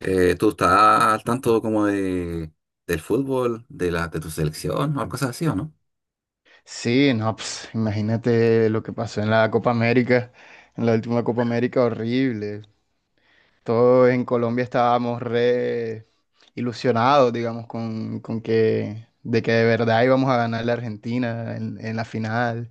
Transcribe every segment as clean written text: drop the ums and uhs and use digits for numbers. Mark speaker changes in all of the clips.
Speaker 1: ¿Tú estás al tanto como de, del fútbol, de la, de tu selección o cosas así o no?
Speaker 2: Sí, no, pues, imagínate lo que pasó en la Copa América, en la última Copa América, horrible. Todos en Colombia estábamos re ilusionados, digamos, con que de verdad íbamos a ganar la Argentina en la final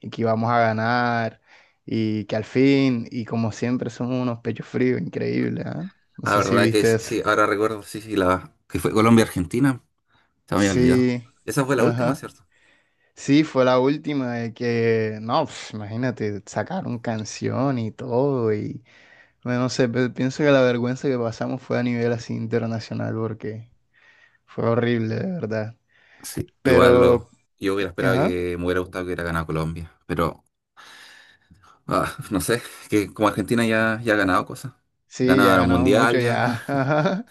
Speaker 2: y que íbamos a ganar y que al fin, y como siempre, somos unos pechos fríos, increíble, No
Speaker 1: La
Speaker 2: sé si
Speaker 1: verdad que
Speaker 2: viste
Speaker 1: sí,
Speaker 2: eso.
Speaker 1: sí, ahora recuerdo, sí, sí, la, que fue Colombia-Argentina, se me había olvidado.
Speaker 2: Sí,
Speaker 1: Esa fue la última,
Speaker 2: ajá.
Speaker 1: ¿cierto?
Speaker 2: Sí, fue la última de que, no, pf, imagínate, sacaron canción y todo y bueno, no sé, pienso que la vergüenza que pasamos fue a nivel así internacional porque fue horrible, de verdad.
Speaker 1: Sí, igual
Speaker 2: Pero,
Speaker 1: yo hubiera esperado
Speaker 2: ajá,
Speaker 1: que me hubiera gustado que hubiera ganado Colombia, pero ah, no sé, que como Argentina ya ha ganado cosas.
Speaker 2: sí, ya
Speaker 1: Ganaron
Speaker 2: ganamos
Speaker 1: Mundial
Speaker 2: mucho,
Speaker 1: ya.
Speaker 2: ya. ajá.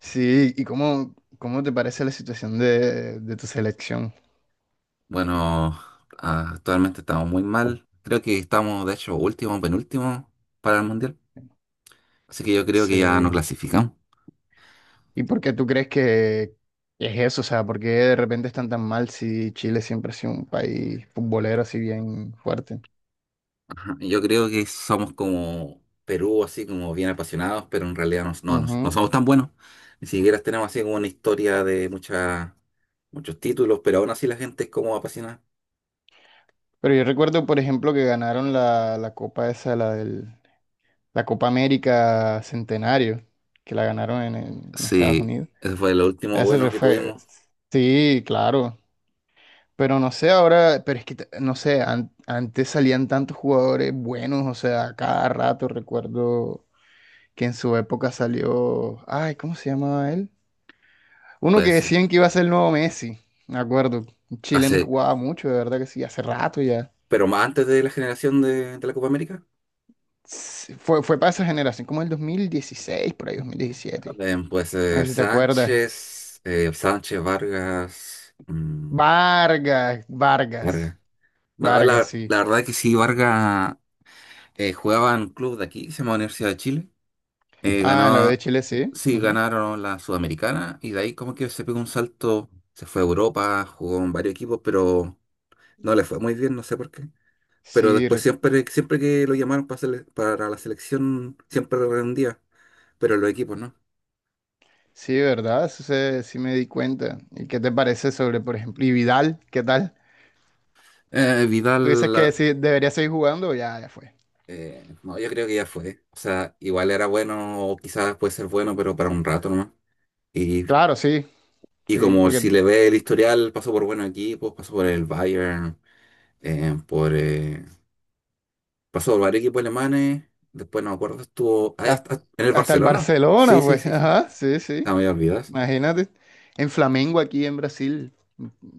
Speaker 2: Sí, ¿y cómo te parece la situación de tu selección?
Speaker 1: Bueno, actualmente estamos muy mal. Creo que estamos, de hecho, último, penúltimo para el Mundial. Así que yo creo que ya no
Speaker 2: Sí.
Speaker 1: clasificamos.
Speaker 2: ¿Y por qué tú crees que es eso? O sea, ¿por qué de repente están tan mal si Chile siempre ha sido un país futbolero así bien fuerte?
Speaker 1: Ajá, yo creo que somos como Perú, así como bien apasionados, pero en realidad no, no, no
Speaker 2: Ujú.
Speaker 1: somos tan buenos. Ni siquiera tenemos así como una historia de muchos títulos, pero aún así la gente es como apasionada.
Speaker 2: Pero yo recuerdo, por ejemplo, que ganaron la copa esa, la Copa América Centenario, que la ganaron en Estados
Speaker 1: Sí,
Speaker 2: Unidos.
Speaker 1: ese fue lo último bueno que
Speaker 2: Fue,
Speaker 1: tuvimos,
Speaker 2: sí, claro. Pero no sé ahora, pero es que, no sé, antes salían tantos jugadores buenos, o sea, a cada rato recuerdo que en su época salió, ay, ¿cómo se llamaba él? Uno que
Speaker 1: pues
Speaker 2: decían que iba a ser el nuevo Messi, me acuerdo. Un chileno y
Speaker 1: hace,
Speaker 2: jugaba mucho, de verdad que sí, hace rato ya.
Speaker 1: pero más antes de la generación de la Copa América.
Speaker 2: Sí, fue para esa generación, como el 2016, por ahí 2017.
Speaker 1: También puede
Speaker 2: No
Speaker 1: ser
Speaker 2: sé si te acuerdas.
Speaker 1: Sánchez, Sánchez Vargas,
Speaker 2: Vargas,
Speaker 1: Vargas. No,
Speaker 2: Vargas,
Speaker 1: la,
Speaker 2: sí.
Speaker 1: la verdad que sí, Vargas jugaba en un club de aquí, que se llama Universidad de Chile.
Speaker 2: Ah, en la U de
Speaker 1: Ganaba,
Speaker 2: Chile, sí.
Speaker 1: sí,
Speaker 2: ujú.
Speaker 1: ganaron la Sudamericana y de ahí como que se pegó un salto, se fue a Europa, jugó en varios equipos, pero no le fue muy bien, no sé por qué. Pero
Speaker 2: Sí,
Speaker 1: después
Speaker 2: r-
Speaker 1: siempre, siempre que lo llamaron para, para la selección, siempre rendía, pero los equipos no.
Speaker 2: sí, ¿verdad? Sí me di cuenta. ¿Y qué te parece sobre, por ejemplo, y Vidal? ¿Qué tal? ¿Tú dices
Speaker 1: Vidal, la,
Speaker 2: que sí, debería seguir jugando? Ya fue.
Speaker 1: No, yo creo que ya fue. O sea, igual era bueno, o quizás puede ser bueno, pero para un rato nomás. Y,
Speaker 2: Claro, sí,
Speaker 1: y
Speaker 2: sí,
Speaker 1: como
Speaker 2: porque
Speaker 1: si le ve el historial, pasó por buenos equipos, pasó por el Bayern, eh, por, eh, pasó por varios equipos alemanes. Después no me acuerdo, estuvo ah,
Speaker 2: Has-
Speaker 1: en el
Speaker 2: hasta el
Speaker 1: Barcelona.
Speaker 2: Barcelona,
Speaker 1: Sí, sí,
Speaker 2: pues.
Speaker 1: sí, sí.
Speaker 2: Ajá, sí,
Speaker 1: Ah, me
Speaker 2: sí.
Speaker 1: había olvidado eso.
Speaker 2: Imagínate. En Flamengo aquí en Brasil,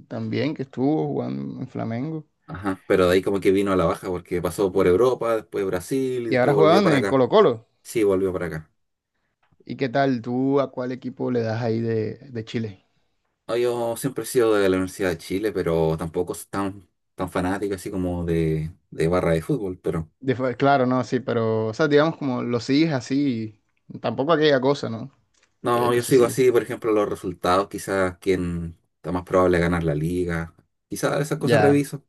Speaker 2: también que estuvo jugando en Flamengo.
Speaker 1: Ajá. Pero de ahí como que vino a la baja, porque pasó por Europa, después Brasil y
Speaker 2: Y
Speaker 1: después
Speaker 2: ahora
Speaker 1: volvió
Speaker 2: jugaban en
Speaker 1: para
Speaker 2: el
Speaker 1: acá.
Speaker 2: Colo-Colo.
Speaker 1: Sí, volvió para acá.
Speaker 2: ¿Y qué tal? ¿Tú a cuál equipo le das ahí de Chile?
Speaker 1: No, yo siempre he sido de la Universidad de Chile, pero tampoco es tan, tan fanático así como de barra de fútbol. Pero
Speaker 2: Claro, no, sí, pero, o sea, digamos como lo sigues así, tampoco aquella cosa, ¿no? Aquella
Speaker 1: no, yo
Speaker 2: cosa
Speaker 1: sigo
Speaker 2: así.
Speaker 1: así, por ejemplo, los resultados, quizás quién está más probable de ganar la liga. Quizás esas cosas
Speaker 2: Ya,
Speaker 1: reviso.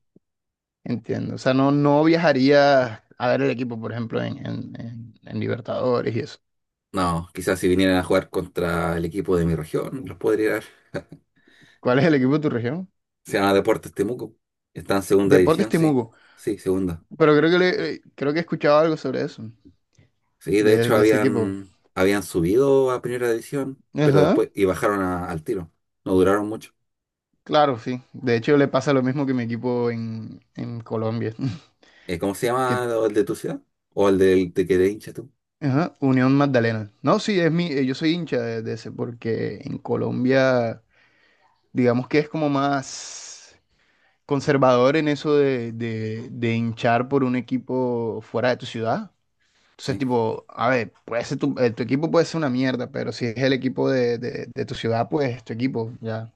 Speaker 2: entiendo. O sea, no, no viajarías a ver el equipo, por ejemplo, en Libertadores y eso.
Speaker 1: No, quizás si vinieran a jugar contra el equipo de mi región, los podría dar.
Speaker 2: ¿Cuál es el equipo de tu región?
Speaker 1: Se llama Deportes Temuco. Está en segunda
Speaker 2: Deportes
Speaker 1: división, sí.
Speaker 2: Temuco.
Speaker 1: Sí, segunda.
Speaker 2: Pero creo que, creo que he escuchado algo sobre eso,
Speaker 1: Sí, de hecho
Speaker 2: de ese equipo.
Speaker 1: habían subido a primera división, pero
Speaker 2: Ajá,
Speaker 1: después y bajaron al tiro. No duraron mucho.
Speaker 2: claro, sí. De hecho, le pasa lo mismo que mi equipo en Colombia,
Speaker 1: ¿Cómo se
Speaker 2: que
Speaker 1: llama el de tu ciudad? ¿O el del de que eres hincha tú?
Speaker 2: ajá, Unión Magdalena. No, sí, es mi, yo soy hincha de ese, porque en Colombia, digamos que es como más conservador en eso de hinchar por un equipo fuera de tu ciudad. Entonces,
Speaker 1: Sí.
Speaker 2: tipo, a ver, puede ser tu, tu equipo puede ser una mierda, pero si es el equipo de tu ciudad, pues es tu equipo, ya.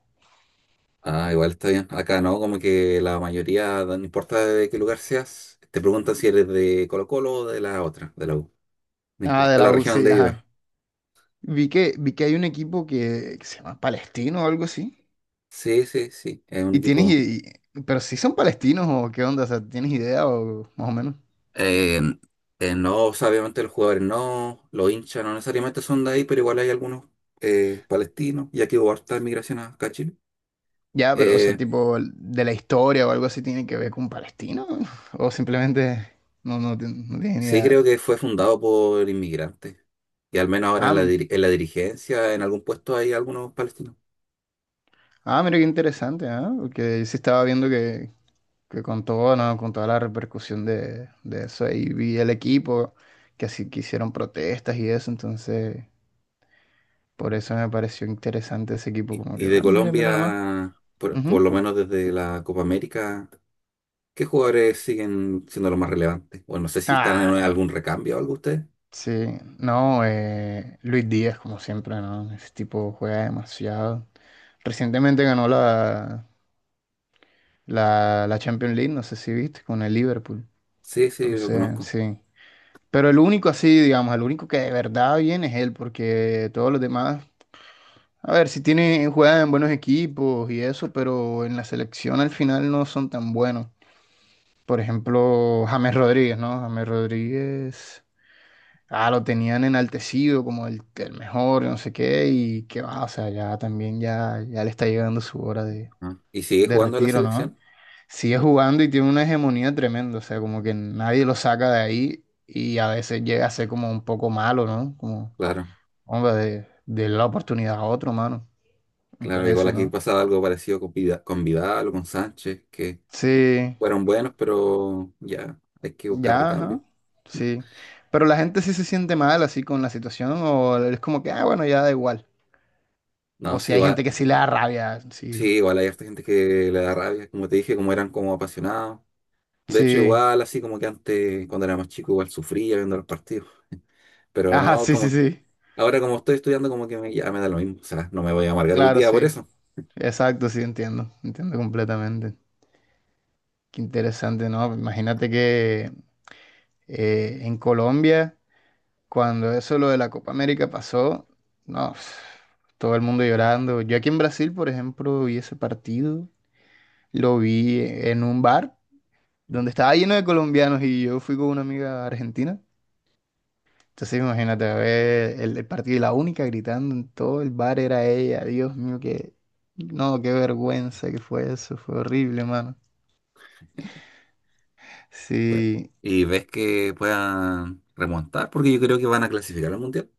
Speaker 1: Ah, igual está bien. Acá no, como que la mayoría, no importa de qué lugar seas, te preguntan si eres de Colo-Colo o de la otra, de la U. No
Speaker 2: Ah, de
Speaker 1: importa
Speaker 2: la
Speaker 1: la
Speaker 2: U,
Speaker 1: región
Speaker 2: sí,
Speaker 1: donde vivas.
Speaker 2: ajá. Vi que hay un equipo que se llama Palestino o algo así.
Speaker 1: Sí, sí, sí, es un
Speaker 2: Y tienes,
Speaker 1: equipo.
Speaker 2: i- pero si son palestinos o qué onda, o sea, ¿tienes idea o más o menos?
Speaker 1: Eh, no, o sea, obviamente los jugadores no, los hinchas no necesariamente son de ahí, pero igual hay algunos palestinos, ya que hubo harta migración acá a Chile.
Speaker 2: Ya, pero, o sea,
Speaker 1: Eh,
Speaker 2: tipo, de la historia o algo así tiene que ver con Palestino o simplemente no tienes ni
Speaker 1: sí,
Speaker 2: idea.
Speaker 1: creo que fue fundado por inmigrantes. Y al menos ahora
Speaker 2: Ah,
Speaker 1: en la,
Speaker 2: m-
Speaker 1: en la dirigencia, en algún puesto hay algunos palestinos.
Speaker 2: ah, mira qué interesante, ¿ah? Porque yo sí estaba viendo que con todo, ¿no? Con toda la repercusión de eso, ahí vi el equipo, que así que hicieron protestas y eso, entonces. Por eso
Speaker 1: Ujú.
Speaker 2: me pareció interesante ese equipo, como
Speaker 1: Y
Speaker 2: que,
Speaker 1: de
Speaker 2: bueno, mira, mira nomás.
Speaker 1: Colombia, por
Speaker 2: Ujú.
Speaker 1: lo menos desde la Copa América, ¿qué jugadores siguen siendo los más relevantes? Bueno, no sé si están en
Speaker 2: Ah, bueno.
Speaker 1: algún recambio o algo ustedes.
Speaker 2: Sí, no, Luis Díaz, como siempre, ¿no? Ese tipo juega demasiado. Recientemente ganó la Champions League, no sé si viste, con el Liverpool.
Speaker 1: Sí, sí, lo
Speaker 2: Entonces,
Speaker 1: conozco.
Speaker 2: sí. Pero el único así, digamos, el único que de verdad viene es él, porque todos los demás, a ver, si tiene, juegan en buenos equipos y eso, pero en la selección al final no son tan buenos. Por ejemplo, James Rodríguez, ¿no? James Rodríguez, ah, lo tenían enaltecido como el mejor, no sé qué, y qué va, o sea, ya también ya, ya le está llegando su hora
Speaker 1: Ah. ¿Y sigue
Speaker 2: de
Speaker 1: jugando en la
Speaker 2: retiro, ¿no?
Speaker 1: selección?
Speaker 2: Sigue jugando y tiene una hegemonía tremenda, o sea, como que nadie lo saca de ahí y a veces llega a ser como un poco malo, ¿no? Como,
Speaker 1: Claro,
Speaker 2: hombre, de la oportunidad a otro, mano, me
Speaker 1: claro. Igual
Speaker 2: parece,
Speaker 1: aquí
Speaker 2: ¿no?
Speaker 1: pasaba algo parecido con, con Vidal o con Sánchez, que
Speaker 2: Sí,
Speaker 1: fueron buenos, pero ya hay que buscar
Speaker 2: Ya, ajá,
Speaker 1: recambio.
Speaker 2: sí. Pero la gente sí se siente mal así con la situación o es como que, ah, bueno, ya da igual. O
Speaker 1: No,
Speaker 2: si hay gente que sí le da rabia, sí.
Speaker 1: sí, igual hay harta gente que le da rabia, como te dije, como eran como apasionados. De hecho,
Speaker 2: Sí.
Speaker 1: igual, así como que antes, cuando era más chico, igual sufría viendo los partidos. Pero
Speaker 2: Ajá,
Speaker 1: no,
Speaker 2: sí, sí,
Speaker 1: como
Speaker 2: sí.
Speaker 1: ahora como estoy estudiando, como que me, ya me da lo mismo. O sea, no me voy a amargar el
Speaker 2: Claro,
Speaker 1: día por
Speaker 2: sí.
Speaker 1: eso.
Speaker 2: Exacto, sí, entiendo. Entiendo completamente. Qué interesante, ¿no? Imagínate que en Colombia, cuando eso lo de la Copa América pasó, no, pf, todo el mundo llorando. Yo aquí en Brasil, por ejemplo, vi ese partido, lo vi en un bar, donde
Speaker 1: Ujú.
Speaker 2: estaba lleno de colombianos y yo fui con una amiga argentina. Entonces imagínate, a ver el partido y la única gritando en todo el bar era ella. Dios mío, qué, no, qué vergüenza que fue eso, fue horrible, mano.
Speaker 1: Bueno,
Speaker 2: Sí.
Speaker 1: y ves que puedan remontar, porque yo creo que van a clasificar al mundial.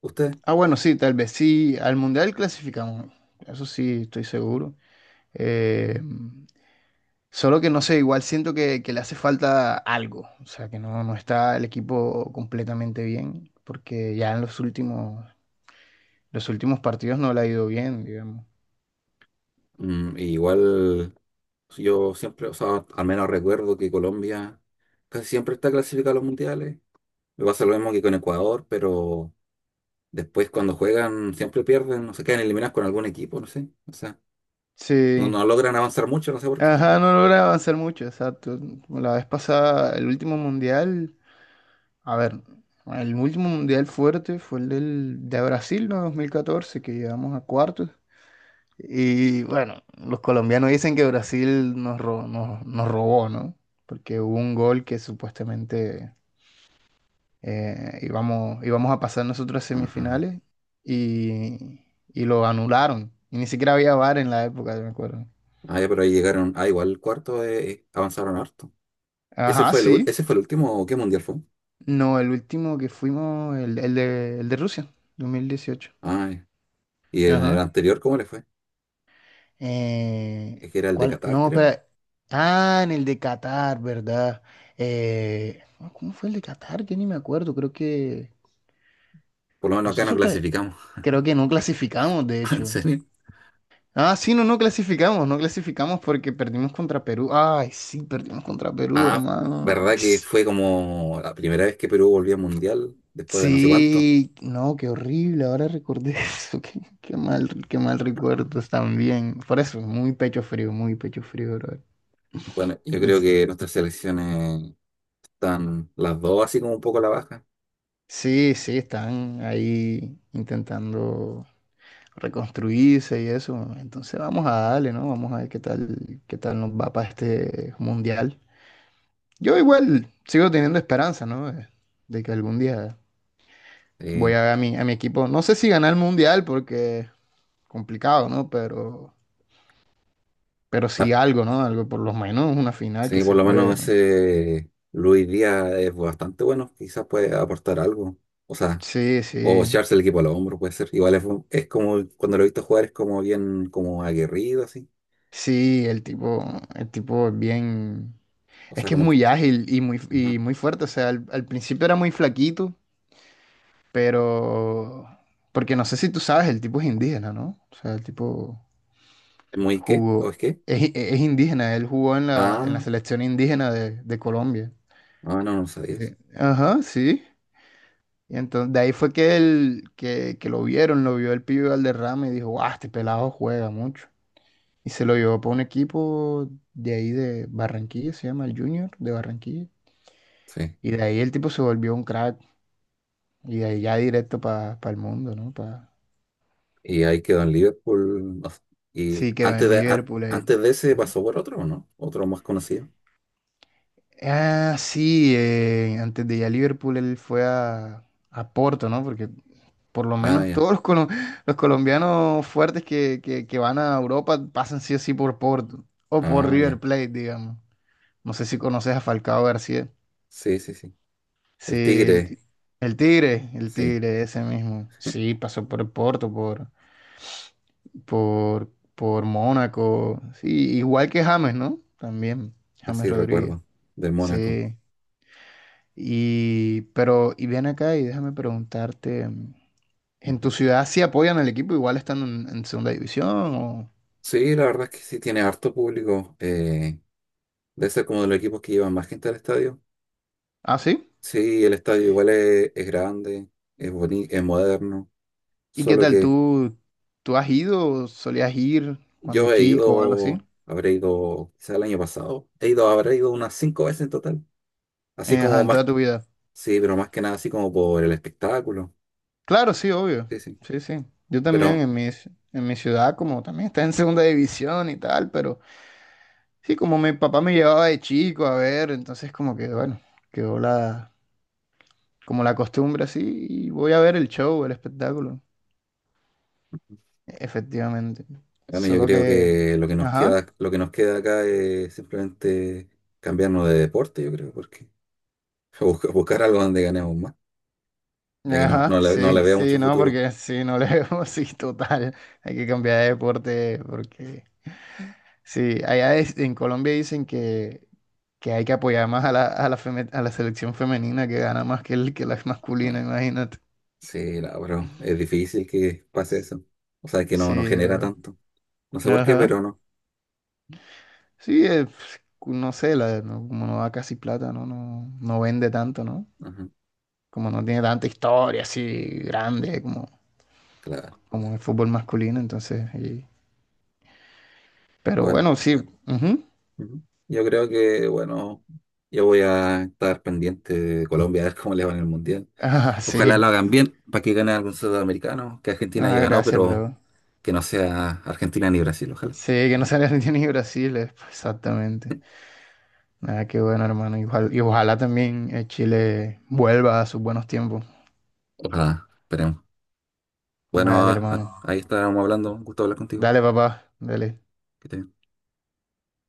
Speaker 1: Ustedes.
Speaker 2: Ah, bueno, sí, tal vez sí, al Mundial clasificamos, eso sí, estoy seguro. Eh, solo que no sé, igual siento que le hace falta algo, o sea, que no, no está el equipo completamente bien, porque ya en los últimos Los últimos partidos no le ha ido bien, digamos.
Speaker 1: Igual yo siempre, o sea, al menos recuerdo que Colombia casi siempre está clasificada a los mundiales. Me pasa lo mismo que con Ecuador, pero después cuando juegan siempre pierden, no se quedan eliminados con algún equipo, no sé. O sea, no,
Speaker 2: Sí.
Speaker 1: no logran avanzar mucho, no sé por qué.
Speaker 2: Ajá, no logra avanzar mucho, exacto. La vez pasada, el último mundial, a ver, el último mundial fuerte fue de Brasil, ¿no? 2014, que llegamos a cuartos. Y bueno, los colombianos dicen que Brasil nos, nos robó, ¿no? Porque hubo un gol que supuestamente íbamos a pasar nosotros a
Speaker 1: Ajá.
Speaker 2: semifinales y, y lo anularon. Y ni siquiera había VAR en la época, me acuerdo.
Speaker 1: Ah, ya, pero ahí llegaron, ah, igual el cuarto avanzaron harto. ¿Ese
Speaker 2: Ajá,
Speaker 1: fue el,
Speaker 2: sí.
Speaker 1: ese fue el último, qué mundial fue?
Speaker 2: No, el último que fuimos, el de Rusia, 2018.
Speaker 1: Ah, ya. ¿Y en el
Speaker 2: Ajá.
Speaker 1: anterior cómo le fue? Es que era el de
Speaker 2: ¿Cuál?
Speaker 1: Qatar,
Speaker 2: No,
Speaker 1: creo.
Speaker 2: espera. Ah, en el de Qatar, ¿verdad? Ah, ¿cómo fue el de Qatar? Yo ni me acuerdo. Creo que
Speaker 1: Por lo menos acá no
Speaker 2: nosotros cre-
Speaker 1: clasificamos.
Speaker 2: creo que no clasificamos, de
Speaker 1: ¿En
Speaker 2: hecho.
Speaker 1: serio?
Speaker 2: Ah, sí, no, no clasificamos, no clasificamos porque perdimos contra Perú. Ay, sí, perdimos contra Perú,
Speaker 1: Ah,
Speaker 2: hermano.
Speaker 1: ¿verdad que
Speaker 2: Yes.
Speaker 1: fue como la primera vez que Perú volvió al Mundial después de no sé cuánto?
Speaker 2: Sí, no, qué horrible, ahora recordé eso, qué, qué mal recuerdos también. Por eso, muy pecho frío, bro.
Speaker 1: Bueno, yo
Speaker 2: En
Speaker 1: creo
Speaker 2: se-
Speaker 1: que nuestras selecciones están las dos así como un poco a la baja.
Speaker 2: Sí, sí, están ahí intentando reconstruirse y eso. Entonces vamos a darle, ¿no? Vamos a ver qué tal nos va para este mundial. Yo igual sigo teniendo esperanza, ¿no? De que algún día voy
Speaker 1: Eh,
Speaker 2: a ver a mi equipo. No sé si ganar el mundial porque complicado, ¿no? Pero
Speaker 1: ah,
Speaker 2: sí algo, ¿no? Algo, por lo menos una final que
Speaker 1: sí,
Speaker 2: se
Speaker 1: por lo menos
Speaker 2: juegue, ¿no?
Speaker 1: ese Luis Díaz es bastante bueno, quizás puede aportar algo. O sea,
Speaker 2: Sí,
Speaker 1: o
Speaker 2: sí.
Speaker 1: echarse el equipo al hombro puede ser. Igual es como, cuando lo he visto jugar es como bien como aguerrido así.
Speaker 2: Sí, el tipo es bien.
Speaker 1: O
Speaker 2: Es
Speaker 1: sea,
Speaker 2: que es
Speaker 1: como que...
Speaker 2: muy ágil
Speaker 1: ajá.
Speaker 2: y muy fuerte. O sea, al principio era muy flaquito, pero. Porque no sé si tú sabes, el tipo es indígena, ¿no? O sea, el tipo
Speaker 1: ¿Es muy qué? ¿O
Speaker 2: jugó.
Speaker 1: es qué?
Speaker 2: Es, es indígena, él jugó en la
Speaker 1: Ah,
Speaker 2: selección indígena de Colombia.
Speaker 1: ah, no, no sabía eso.
Speaker 2: Sí. Ajá, sí. Y entonces de ahí fue que él, que lo vieron, lo vio el pibe Valderrama y dijo, guau, este pelado juega mucho. Y se lo llevó para un equipo de ahí de Barranquilla, se llama el Junior de Barranquilla.
Speaker 1: Sí.
Speaker 2: Y de ahí el tipo se volvió un crack. Y de ahí ya directo para el mundo, ¿no? Pa...
Speaker 1: Y ahí quedó en Liverpool, no sé. Y
Speaker 2: Sí, quedó
Speaker 1: antes
Speaker 2: en
Speaker 1: de,
Speaker 2: Liverpool. Él.
Speaker 1: antes de ese
Speaker 2: Ujú.
Speaker 1: pasó por otro, ¿o no? Otro más conocido.
Speaker 2: Ah, sí, antes de ir a Liverpool él fue a Porto, ¿no? Porque por lo
Speaker 1: Ah,
Speaker 2: menos
Speaker 1: ya.
Speaker 2: todos los, los colombianos fuertes que van a Europa pasan sí o sí por Porto. O por
Speaker 1: Ah,
Speaker 2: River
Speaker 1: ya.
Speaker 2: Plate, digamos. No sé si conoces a Falcao García.
Speaker 1: Sí, sí, sí.
Speaker 2: Sí,
Speaker 1: El
Speaker 2: el,
Speaker 1: Tigre,
Speaker 2: el
Speaker 1: sí.
Speaker 2: Tigre, ese mismo. Sí, pasó por el Porto, por, por Mónaco. Sí, igual que James, ¿no? También, James
Speaker 1: Así
Speaker 2: Rodríguez.
Speaker 1: recuerdo. Del Mónaco.
Speaker 2: Sí. Y, pero, y ven acá y déjame preguntarte, mm, ¿en tu
Speaker 1: Ujú.
Speaker 2: ciudad sí apoyan al equipo? Igual están en segunda división o...
Speaker 1: Sí, la verdad es que sí tiene harto público. Debe ser como de los equipos que llevan más gente al estadio.
Speaker 2: Ah, sí.
Speaker 1: Sí, el estadio igual es grande, es bonito, es moderno.
Speaker 2: ¿Y qué
Speaker 1: Solo
Speaker 2: tal?
Speaker 1: que
Speaker 2: ¿Tú has ido o solías ir cuando
Speaker 1: yo he
Speaker 2: chico o algo así?
Speaker 1: ido, habré ido, quizá el año pasado, he ido, habré ido unas 5 veces en total. Así
Speaker 2: Ajá,
Speaker 1: como
Speaker 2: en
Speaker 1: más
Speaker 2: toda tu vida.
Speaker 1: sí, pero más que nada así como por el espectáculo.
Speaker 2: Claro, sí, obvio.
Speaker 1: Sí, sí.
Speaker 2: Sí, sí. Yo también
Speaker 1: Pero
Speaker 2: en mi, en mi ciudad, como también está en segunda división y tal, pero sí, como mi papá me llevaba de chico a ver, entonces como que, bueno, quedó la, como la costumbre así y voy a ver el show, el espectáculo, efectivamente.
Speaker 1: bueno, yo
Speaker 2: Solo
Speaker 1: creo
Speaker 2: que,
Speaker 1: que lo que nos
Speaker 2: ajá,
Speaker 1: queda, lo que nos queda acá es simplemente cambiarnos de deporte, yo creo, porque buscar algo donde ganemos más, ya que no,
Speaker 2: ajá,
Speaker 1: no le, no le
Speaker 2: sí,
Speaker 1: veo mucho
Speaker 2: sí, no,
Speaker 1: futuro.
Speaker 2: porque sí, no le veo así total. Hay que cambiar de deporte porque... Sí, allá en Colombia dicen que hay que apoyar más a la, a la selección femenina que gana más que, que la masculina,
Speaker 1: Ah,
Speaker 2: imagínate.
Speaker 1: sí, la, pero es difícil que pase eso. O sea, que no, no
Speaker 2: Sí,
Speaker 1: genera
Speaker 2: bro.
Speaker 1: tanto. No sé por qué,
Speaker 2: Ajá.
Speaker 1: pero no.
Speaker 2: Sí, pf, no sé, la, como no da casi plata, ¿no? No, no vende tanto, ¿no?
Speaker 1: Ajá,
Speaker 2: Como no tiene tanta historia así grande como,
Speaker 1: claro.
Speaker 2: como el fútbol masculino, entonces. Y- Pero
Speaker 1: Bueno,
Speaker 2: bueno, sí. ujú.
Speaker 1: ujú. Yo creo que, bueno, yo voy a estar pendiente de Colombia a ver cómo le va en el Mundial.
Speaker 2: Ah,
Speaker 1: Ojalá lo
Speaker 2: sí.
Speaker 1: hagan bien para que gane algún sudamericano, que Argentina ya
Speaker 2: Ah,
Speaker 1: ganó,
Speaker 2: gracias,
Speaker 1: pero
Speaker 2: bro.
Speaker 1: que no sea Argentina ni Brasil, ojalá.
Speaker 2: Sí, que no sale Argentina ni Brasil, exactamente. Ah, qué bueno, hermano. Y ojalá también Chile vuelva a sus buenos tiempos.
Speaker 1: Ojalá, esperemos. Bueno,
Speaker 2: Vale, hermano.
Speaker 1: ahí estábamos hablando. Un gusto hablar contigo.
Speaker 2: Dale, papá. Dale.
Speaker 1: Que te